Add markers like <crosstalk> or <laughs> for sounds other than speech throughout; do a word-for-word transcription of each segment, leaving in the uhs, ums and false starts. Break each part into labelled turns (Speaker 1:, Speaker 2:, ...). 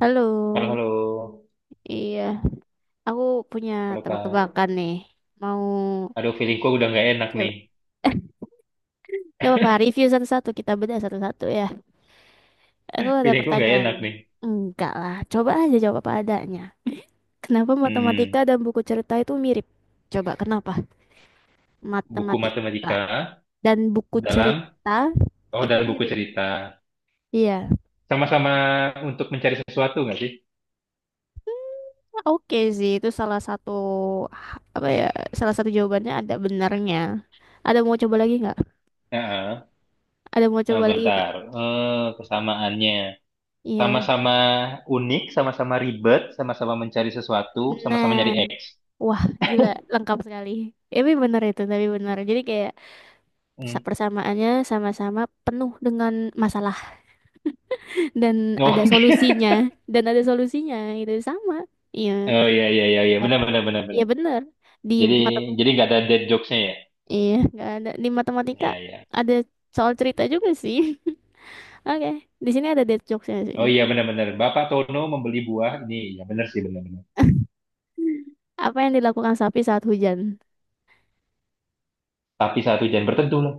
Speaker 1: Halo,
Speaker 2: Halo, halo.
Speaker 1: iya, aku punya
Speaker 2: Halo, Kak.
Speaker 1: tebak-tebakan nih. Mau
Speaker 2: Aduh, feelingku udah nggak enak
Speaker 1: coba,
Speaker 2: nih.
Speaker 1: gak apa-apa, review satu-satu, kita bedah satu-satu ya. Aku
Speaker 2: <laughs>
Speaker 1: ada
Speaker 2: Feelingku nggak
Speaker 1: pertanyaan.
Speaker 2: enak nih.
Speaker 1: Enggak lah, coba aja jawab apa adanya. Kenapa matematika
Speaker 2: Hmm,
Speaker 1: dan buku cerita itu mirip? Coba kenapa
Speaker 2: buku
Speaker 1: matematika
Speaker 2: matematika
Speaker 1: dan buku
Speaker 2: dalam,
Speaker 1: cerita
Speaker 2: oh
Speaker 1: itu
Speaker 2: dalam buku
Speaker 1: mirip?
Speaker 2: cerita.
Speaker 1: Iya,
Speaker 2: Sama-sama untuk mencari sesuatu nggak sih?
Speaker 1: oke sih, itu salah satu apa ya? Salah satu jawabannya ada benarnya. Ada mau coba lagi nggak?
Speaker 2: Heeh.
Speaker 1: Ada mau
Speaker 2: Nah,
Speaker 1: coba lagi nggak?
Speaker 2: bentar. Eh, kesamaannya.
Speaker 1: Iya.
Speaker 2: Sama-sama unik, sama-sama ribet, sama-sama mencari sesuatu, sama-sama nyari
Speaker 1: Nah,
Speaker 2: X.
Speaker 1: wah gila lengkap sekali. Tapi benar itu, tapi benar. Jadi kayak sa-
Speaker 2: Hmm.
Speaker 1: persamaannya sama-sama penuh dengan masalah <laughs> dan
Speaker 2: No.
Speaker 1: ada
Speaker 2: <laughs>
Speaker 1: solusinya dan ada solusinya itu sama. Iya,
Speaker 2: Oh, iya, iya, iya, iya. Benar, benar, benar,
Speaker 1: iya
Speaker 2: benar.
Speaker 1: benar. Di
Speaker 2: Jadi,
Speaker 1: mata
Speaker 2: jadi nggak ada dead jokes-nya ya?
Speaker 1: iya nggak ada di matematika
Speaker 2: Iya, iya.
Speaker 1: ada soal cerita juga sih. <laughs> Oke, di sini ada dead jokesnya sih.
Speaker 2: Oh iya benar-benar. Bapak Tono membeli buah ini. Ya benar sih benar-benar.
Speaker 1: Apa yang dilakukan sapi saat hujan?
Speaker 2: Tapi satu jam berteduh lah.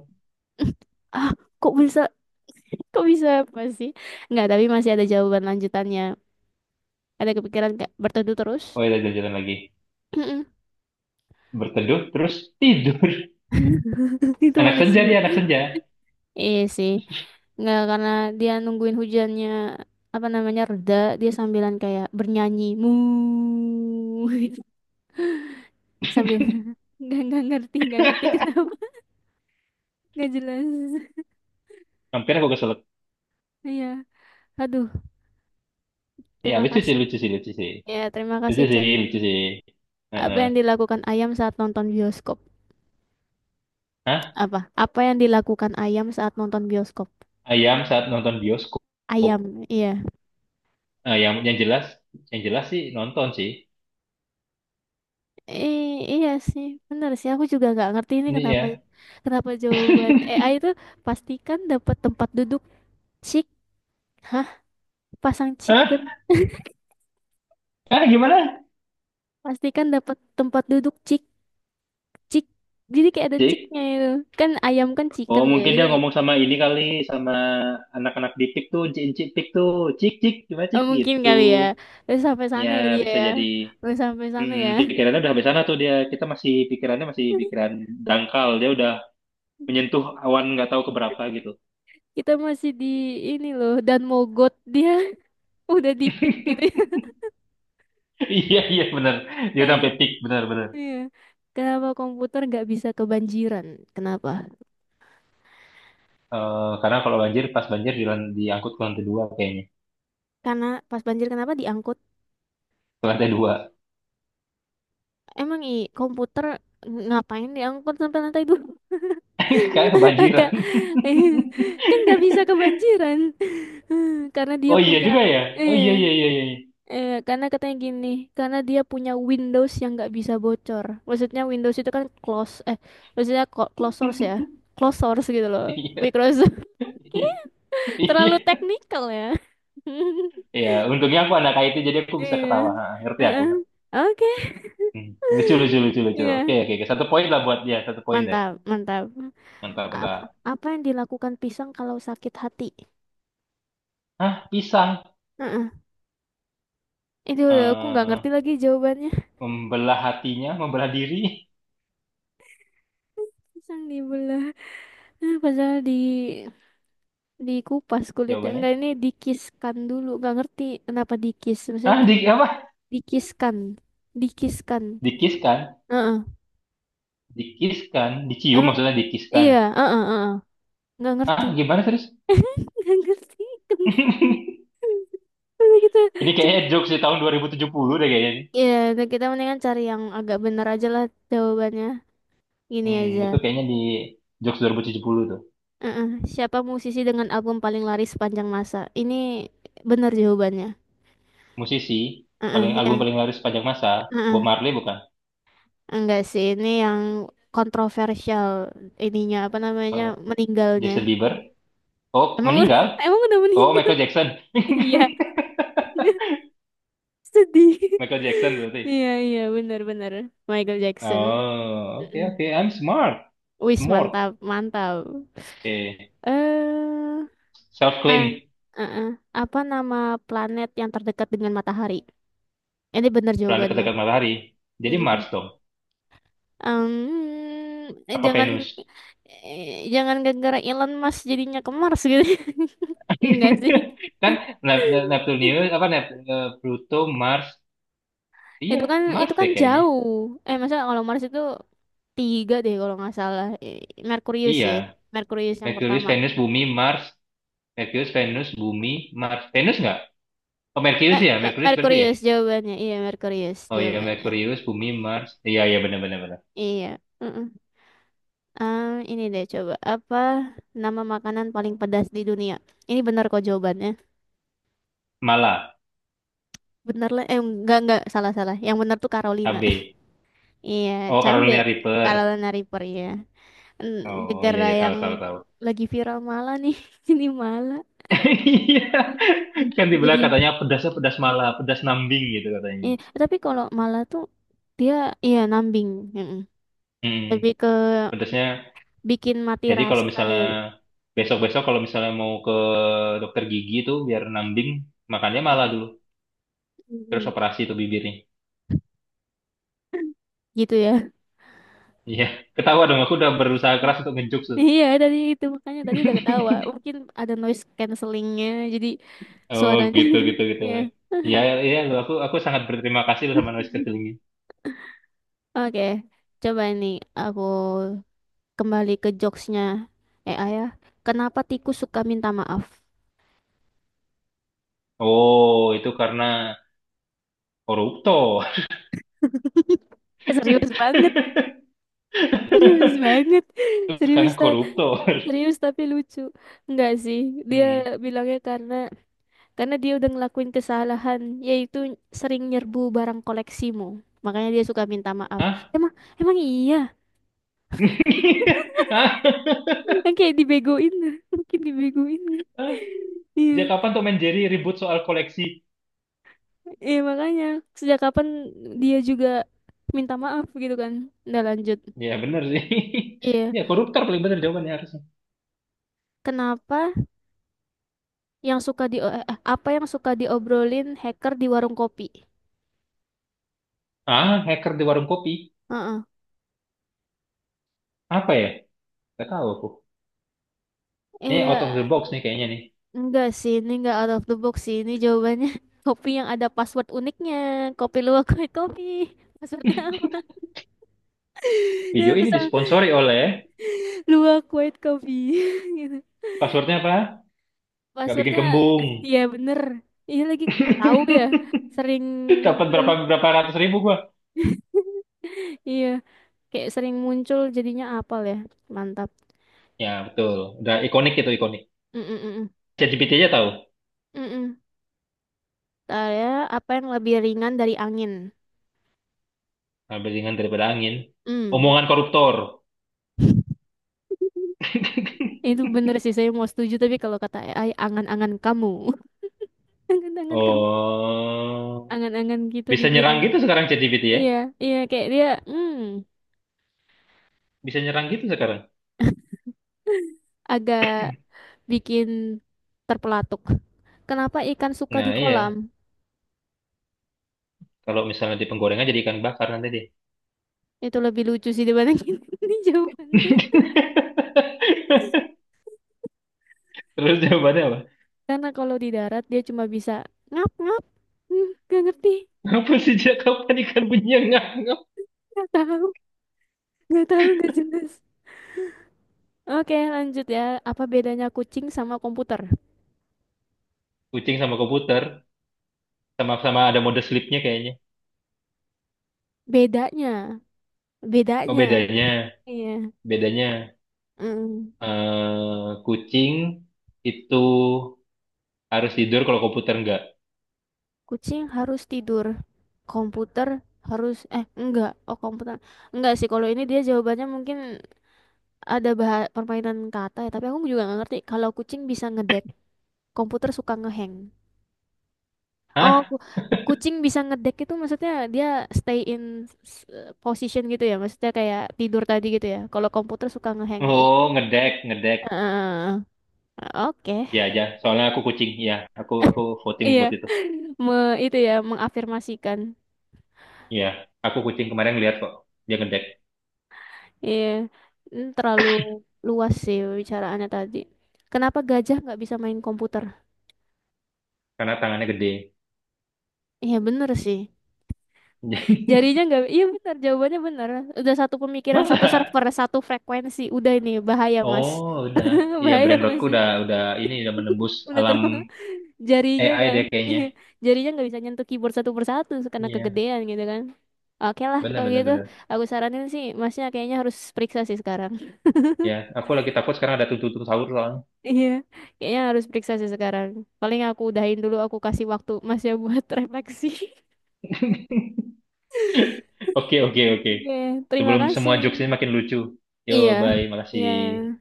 Speaker 1: <laughs> Ah, kok bisa? Kok bisa apa sih? Nggak, tapi masih ada jawaban lanjutannya. Ada kepikiran nggak berteduh terus?
Speaker 2: Oh iya jalan-jalan lagi.
Speaker 1: <laughs>
Speaker 2: Berteduh terus tidur.
Speaker 1: Itu
Speaker 2: <laughs> Anak
Speaker 1: mana
Speaker 2: senja
Speaker 1: sih?
Speaker 2: dia anak senja.
Speaker 1: Iya sih. Nggak, karena dia nungguin hujannya, apa namanya, reda, dia sambilan kayak bernyanyi. Mu gitu. <laughs> Sambil nggak nggak ngerti, nggak ngerti kenapa. <laughs> Nggak jelas.
Speaker 2: Hampir aku keselak.
Speaker 1: Iya. Aduh,
Speaker 2: Ya
Speaker 1: terima
Speaker 2: lucu sih
Speaker 1: kasih.
Speaker 2: lucu sih lucu sih.
Speaker 1: Ya, terima
Speaker 2: Lucu
Speaker 1: kasih,
Speaker 2: sih
Speaker 1: Cak.
Speaker 2: lucu sih.
Speaker 1: Apa
Speaker 2: Heeh.
Speaker 1: yang dilakukan ayam saat nonton bioskop?
Speaker 2: Hah?
Speaker 1: Apa? Apa yang dilakukan ayam saat nonton bioskop?
Speaker 2: Ayam saat nonton bioskop.
Speaker 1: Ayam, iya.
Speaker 2: Ah, yang yang jelas yang jelas sih nonton sih.
Speaker 1: I- iya sih, bener sih. Aku juga nggak ngerti ini
Speaker 2: Ini
Speaker 1: kenapa
Speaker 2: ya.
Speaker 1: kenapa jawaban A I itu pastikan dapat tempat duduk cik, hah? Pasang chicken,
Speaker 2: Hah? Hah gimana?
Speaker 1: pastikan dapat tempat duduk cik cik. Jadi kayak ada
Speaker 2: Cik.
Speaker 1: ciknya itu. Kan ayam kan
Speaker 2: Oh
Speaker 1: chicken ya.
Speaker 2: mungkin
Speaker 1: Jadi
Speaker 2: dia
Speaker 1: kayak-
Speaker 2: ngomong sama ini kali sama anak-anak di P I K tuh, cik-cik P I K tuh, cik-cik gimana
Speaker 1: eh,
Speaker 2: cik
Speaker 1: mungkin
Speaker 2: gitu.
Speaker 1: kali ya. Terus sampai
Speaker 2: Ya
Speaker 1: sana ya dia
Speaker 2: bisa
Speaker 1: ya.
Speaker 2: jadi
Speaker 1: Terus sampai sana
Speaker 2: mm,
Speaker 1: ya.
Speaker 2: pikirannya udah sampai sana tuh dia. Kita masih pikirannya masih
Speaker 1: <laughs>
Speaker 2: pikiran dangkal. Dia udah menyentuh awan nggak tahu keberapa gitu. <laughs>
Speaker 1: Kita masih di ini loh dan mogot dia <laughs> udah di pick gitu ya. <laughs>
Speaker 2: Iya iya benar. Dia udah
Speaker 1: Yang-
Speaker 2: sampai peak benar benar.
Speaker 1: Iya. Kenapa komputer nggak bisa kebanjiran? Kenapa?
Speaker 2: Eh, karena kalau banjir pas banjir di, lan- diangkut ke lantai dua kayaknya.
Speaker 1: Karena pas banjir kenapa diangkut?
Speaker 2: Ke lantai dua.
Speaker 1: Emang i komputer ngapain diangkut sampai lantai dua?
Speaker 2: <laughs> Karena
Speaker 1: <laughs> Agak
Speaker 2: kebanjiran. <laughs>
Speaker 1: <laughs> kan nggak bisa kebanjiran <laughs> karena dia
Speaker 2: Oh iya
Speaker 1: punya
Speaker 2: juga ya. Oh
Speaker 1: eh
Speaker 2: iya iya iya iya. <laughs>
Speaker 1: eh karena katanya gini, karena dia punya Windows yang nggak bisa bocor. Maksudnya Windows itu kan close eh maksudnya co- close source ya. Close source gitu
Speaker 2: Iya
Speaker 1: loh.
Speaker 2: iya.
Speaker 1: Microsoft. <laughs> Terlalu
Speaker 2: Iya.
Speaker 1: teknikal ya. <laughs>
Speaker 2: Iya, untungnya aku anak itu jadi aku bisa
Speaker 1: Iya.
Speaker 2: ketawa. Ha, ngerti aku.
Speaker 1: Heeh.
Speaker 2: Ngerti.
Speaker 1: Oke. <laughs>
Speaker 2: Hmm. Lucu lucu lucu lucu. Oke
Speaker 1: Iya.
Speaker 2: oke. Oke. Satu poin lah buat dia. Satu poin
Speaker 1: Mantap, mantap. Apa,
Speaker 2: mentah-mentah.
Speaker 1: apa yang dilakukan pisang kalau sakit hati?
Speaker 2: Ah, pisang.
Speaker 1: Heeh. Itu udah aku nggak ngerti
Speaker 2: Eh,
Speaker 1: lagi jawabannya.
Speaker 2: membelah hatinya, membelah diri.
Speaker 1: Pisang dibelah, eh, padahal di dikupas
Speaker 2: <laughs>
Speaker 1: kulitnya.
Speaker 2: Jawabannya.
Speaker 1: Enggak, ini dikiskan dulu. Nggak ngerti kenapa dikis. Maksudnya
Speaker 2: Ah,
Speaker 1: di,
Speaker 2: di apa?
Speaker 1: dikiskan, dikiskan.
Speaker 2: Dikiskan.
Speaker 1: Heeh.
Speaker 2: Dikiskan. Dicium
Speaker 1: Emang
Speaker 2: maksudnya dikiskan.
Speaker 1: iya, heeh, heeh. Nggak ngerti.
Speaker 2: Ah, gimana terus? <laughs>
Speaker 1: <laughs> Nggak ngerti. Udah kita
Speaker 2: Ini
Speaker 1: cari.
Speaker 2: kayaknya jokes di tahun dua ribu tujuh puluh deh kayaknya. Nih.
Speaker 1: Iya, udah kita mendingan cari yang agak bener aja lah jawabannya. Gini
Speaker 2: Hmm,
Speaker 1: aja.
Speaker 2: itu kayaknya di jokes dua ribu tujuh puluh tuh.
Speaker 1: Heeh. Siapa musisi dengan album paling laris sepanjang masa? Ini benar jawabannya.
Speaker 2: Musisi, paling
Speaker 1: Heeh,
Speaker 2: album
Speaker 1: ya.
Speaker 2: paling laris sepanjang masa. Bob
Speaker 1: Heeh.
Speaker 2: Marley bukan?
Speaker 1: Enggak sih, ini yang kontroversial ininya apa namanya?
Speaker 2: Eh,
Speaker 1: Meninggalnya.
Speaker 2: Jason Bieber. Oh,
Speaker 1: Emang <laughs>
Speaker 2: meninggal?
Speaker 1: emang udah
Speaker 2: Oh,
Speaker 1: meninggal?
Speaker 2: Michael
Speaker 1: <laughs>
Speaker 2: Jackson.
Speaker 1: Iya.
Speaker 2: <laughs>
Speaker 1: <laughs> Sedih.
Speaker 2: Michael Jackson berarti.
Speaker 1: Iya, iya, benar-benar. Michael Jackson.
Speaker 2: Oh,
Speaker 1: Mm-mm.
Speaker 2: oke oke. I'm smart.
Speaker 1: Wis
Speaker 2: Smart.
Speaker 1: mantap, mantap.
Speaker 2: Eh,
Speaker 1: Eh,
Speaker 2: self-claim.
Speaker 1: ah, eh, eh. Apa nama planet yang terdekat dengan matahari? Ini benar
Speaker 2: Planet
Speaker 1: jawabannya.
Speaker 2: terdekat matahari. Jadi
Speaker 1: Mm-mm.
Speaker 2: Mars dong.
Speaker 1: Em, eh,
Speaker 2: Apa
Speaker 1: jangan
Speaker 2: Venus?
Speaker 1: eh, jangan gara-gara Elon Musk jadinya ke Mars gitu. <laughs> Enggak
Speaker 2: <laughs>
Speaker 1: sih.
Speaker 2: Kan Nep- Nep- Neptunus, apa Nep, eh, Pluto, Mars. Iya,
Speaker 1: Itu kan itu
Speaker 2: Mars
Speaker 1: kan
Speaker 2: deh kayaknya.
Speaker 1: jauh. Eh masa kalau Mars itu tiga deh kalau nggak salah. Eh, Merkurius
Speaker 2: Iya.
Speaker 1: sih. Merkurius yang
Speaker 2: Merkurius,
Speaker 1: pertama.
Speaker 2: Venus, Bumi, Mars. Merkurius, Venus, Bumi, Mars. Venus nggak? Oh, Merkurius
Speaker 1: Me-
Speaker 2: ya.
Speaker 1: me-
Speaker 2: Merkurius berarti ya?
Speaker 1: Merkurius jawabannya. Iya, Merkurius
Speaker 2: Oh iya,
Speaker 1: jawabannya.
Speaker 2: Merkurius, Bumi, Mars. Iya, iya benar-benar. Benar. Benar, benar.
Speaker 1: Iya. Mm-mm. Ah, ini deh coba apa nama makanan paling pedas di dunia? Ini benar kok jawabannya.
Speaker 2: Mala,
Speaker 1: Bener lah. Eh enggak enggak salah salah. Yang benar tuh Carolina.
Speaker 2: K B.
Speaker 1: Iya,
Speaker 2: Oh,
Speaker 1: cabe
Speaker 2: Carolina
Speaker 1: kalau
Speaker 2: Reaper.
Speaker 1: Lana River ya. En-
Speaker 2: Oh iya,
Speaker 1: Gegara
Speaker 2: iya tahu
Speaker 1: yang
Speaker 2: tahu tahu.
Speaker 1: lagi viral malah nih, <laughs> ini malah.
Speaker 2: Iya.
Speaker 1: Iya.
Speaker 2: Kan
Speaker 1: Jadi,
Speaker 2: dibilang katanya pedasnya pedas malah, pedas nambing gitu katanya.
Speaker 1: iya. Tapi kalau malah tuh dia iya nambing, mm-mm.
Speaker 2: Hmm,
Speaker 1: Lebih ke
Speaker 2: pedasnya.
Speaker 1: bikin mati
Speaker 2: Jadi kalau
Speaker 1: rasa
Speaker 2: misalnya
Speaker 1: gitu.
Speaker 2: besok-besok kalau misalnya mau ke dokter gigi itu biar nambing, makannya malah
Speaker 1: Mm.
Speaker 2: dulu. Terus
Speaker 1: Mm-mm.
Speaker 2: operasi tuh bibirnya.
Speaker 1: Gitu ya.
Speaker 2: Iya, ketawa dong aku udah berusaha
Speaker 1: <laughs>
Speaker 2: keras untuk ngejuk tuh.
Speaker 1: Iya, tadi itu makanya tadi udah ketawa.
Speaker 2: <laughs>
Speaker 1: Mungkin ada noise cancellingnya, jadi
Speaker 2: Oh,
Speaker 1: suaranya.
Speaker 2: gitu gitu
Speaker 1: <laughs>
Speaker 2: gitu.
Speaker 1: Iya.
Speaker 2: Iya, iya lu aku aku sangat berterima kasih lu sama Noise Kecilnya.
Speaker 1: Oke, coba nih aku kembali ke jokesnya eh ya. Kenapa tikus suka minta maaf?
Speaker 2: Oh, itu karena korupto. <laughs>
Speaker 1: <laughs> Serius banget, serius banget, serius
Speaker 2: Karena
Speaker 1: tau.
Speaker 2: koruptor.
Speaker 1: Serius tapi lucu. Enggak sih. Dia
Speaker 2: Hmm.
Speaker 1: bilangnya karena karena dia udah ngelakuin kesalahan yaitu sering nyerbu barang koleksimu. Makanya dia suka minta maaf.
Speaker 2: Hah?
Speaker 1: Emang emang iya.
Speaker 2: <laughs> Hah?
Speaker 1: Kan kayak dibegoin. <laughs> Mungkin dibegoin. Nggak? Iya.
Speaker 2: Sejak kapan Tom and Jerry ribut soal koleksi?
Speaker 1: Iya makanya sejak kapan dia juga minta maaf gitu kan. Udah lanjut.
Speaker 2: Ya bener sih. <laughs>
Speaker 1: Iya,
Speaker 2: Ya koruptor paling bener jawabannya harusnya.
Speaker 1: kenapa yang suka di eh, eh, apa yang suka diobrolin hacker di warung kopi?
Speaker 2: Ah, hacker di warung kopi.
Speaker 1: Heeh.
Speaker 2: Apa ya? Gak tahu aku. Ini out of the
Speaker 1: Iya,
Speaker 2: box nih kayaknya nih.
Speaker 1: enggak sih, ini enggak out of the box sih. Ini jawabannya <laughs> kopi yang ada password uniknya. Kopi luwak white kopi. Passwordnya apa? <laughs> Dia
Speaker 2: Video ini
Speaker 1: bisa
Speaker 2: disponsori oleh
Speaker 1: luwak white coffee <laughs> gitu.
Speaker 2: passwordnya apa? Gak bikin
Speaker 1: Passwordnya,
Speaker 2: kembung.
Speaker 1: iya bener. Iya lagi tahu ya, sering
Speaker 2: <laughs> Dapat
Speaker 1: muncul.
Speaker 2: berapa berapa ratus ribu gua.
Speaker 1: <laughs> Iya, kayak sering muncul jadinya apal ya. Mantap.
Speaker 2: Ya betul. Udah ikonik itu ikonik.
Speaker 1: Mm -mm
Speaker 2: ChatGPT aja tahu.
Speaker 1: -mm. Ada apa yang lebih ringan dari angin?
Speaker 2: Lebih ringan daripada angin.
Speaker 1: Hmm,
Speaker 2: Omongan koruptor. <laughs>
Speaker 1: itu bener sih saya mau setuju tapi kalau kata A I angan-angan kamu, <laughs> angan-angan kamu,
Speaker 2: Oh.
Speaker 1: angan-angan gitu
Speaker 2: Bisa nyerang
Speaker 1: dibilang.
Speaker 2: gitu sekarang ChatGPT ya?
Speaker 1: Iya, iya kayak dia hmm
Speaker 2: Bisa nyerang gitu sekarang.
Speaker 1: agak bikin terpelatuk. Kenapa ikan suka
Speaker 2: Nah
Speaker 1: di
Speaker 2: iya,
Speaker 1: kolam?
Speaker 2: kalau misalnya di penggorengan jadi ikan bakar nanti dia.
Speaker 1: Itu lebih lucu sih dibandingin <laughs> ini jawabannya.
Speaker 2: <laughs> Terus
Speaker 1: Karena
Speaker 2: jawabannya apa?
Speaker 1: karena kalau di darat dia cuma bisa ngap-ngap. Hmm, gak ngerti,
Speaker 2: Apa sih sejak kapan ikan punya ngap.
Speaker 1: gak tahu, gak tahu, gak jelas. Oke, lanjut ya. Apa bedanya kucing sama komputer?
Speaker 2: Kucing sama komputer, sama-sama ada mode sleep-nya kayaknya.
Speaker 1: Bedanya,
Speaker 2: Oh
Speaker 1: bedanya.
Speaker 2: bedanya,
Speaker 1: Iya.
Speaker 2: bedanya
Speaker 1: Mm.
Speaker 2: eh, kucing itu harus tidur kalau komputer enggak.
Speaker 1: Kucing harus tidur. Komputer harus eh enggak, oh komputer. Enggak sih kalau ini dia jawabannya mungkin ada bah- permainan kata ya, tapi aku juga nggak ngerti kalau kucing bisa ngedek, komputer suka ngehang. Oh,
Speaker 2: Hah?
Speaker 1: ku- kucing bisa ngedek itu maksudnya dia stay in s- position gitu ya, maksudnya kayak tidur tadi gitu ya. Kalau komputer suka ngehang. Ih.
Speaker 2: Oh ngedek, ngedek.
Speaker 1: Eh, oke.
Speaker 2: Ya aja, soalnya aku kucing. Ya, aku aku voting
Speaker 1: Iya,
Speaker 2: buat itu.
Speaker 1: <laughs> me itu ya mengafirmasikan.
Speaker 2: Ya, aku kucing kemarin lihat kok dia ngedek.
Speaker 1: Iya, mm, terlalu luas sih bicaraannya tadi. Kenapa gajah nggak bisa main komputer?
Speaker 2: Karena tangannya gede.
Speaker 1: Iya bener sih.
Speaker 2: <laughs>
Speaker 1: Jarinya nggak, iya bener jawabannya bener. Udah satu pemikiran, satu
Speaker 2: Masa?
Speaker 1: server, satu frekuensi. Udah ini bahaya mas,
Speaker 2: Oh, udah.
Speaker 1: <laughs>
Speaker 2: Iya,
Speaker 1: bahaya
Speaker 2: Brandrodku
Speaker 1: mas.
Speaker 2: udah udah ini udah menembus
Speaker 1: Udah
Speaker 2: alam
Speaker 1: terbang, <laughs> jarinya
Speaker 2: A I
Speaker 1: nggak,
Speaker 2: dia kayaknya.
Speaker 1: iya. jarinya nggak bisa nyentuh keyboard satu persatu karena
Speaker 2: Iya,
Speaker 1: kegedean gitu kan. Oke lah
Speaker 2: benar
Speaker 1: kalau
Speaker 2: benar
Speaker 1: gitu,
Speaker 2: benar.
Speaker 1: aku saranin sih masnya kayaknya harus periksa sih sekarang.
Speaker 2: Ya, aku lagi takut sekarang ada tuntutan sahur soalnya.
Speaker 1: Iya, kayaknya harus periksa sih sekarang. Paling aku udahin dulu, aku kasih waktu Mas ya buat <laughs> refleksi.
Speaker 2: <laughs> Oke, oke, oke.
Speaker 1: Oke, terima
Speaker 2: Sebelum semua jokes
Speaker 1: kasih.
Speaker 2: ini makin lucu. Yo,
Speaker 1: Iya,
Speaker 2: bye.
Speaker 1: iya.
Speaker 2: Makasih.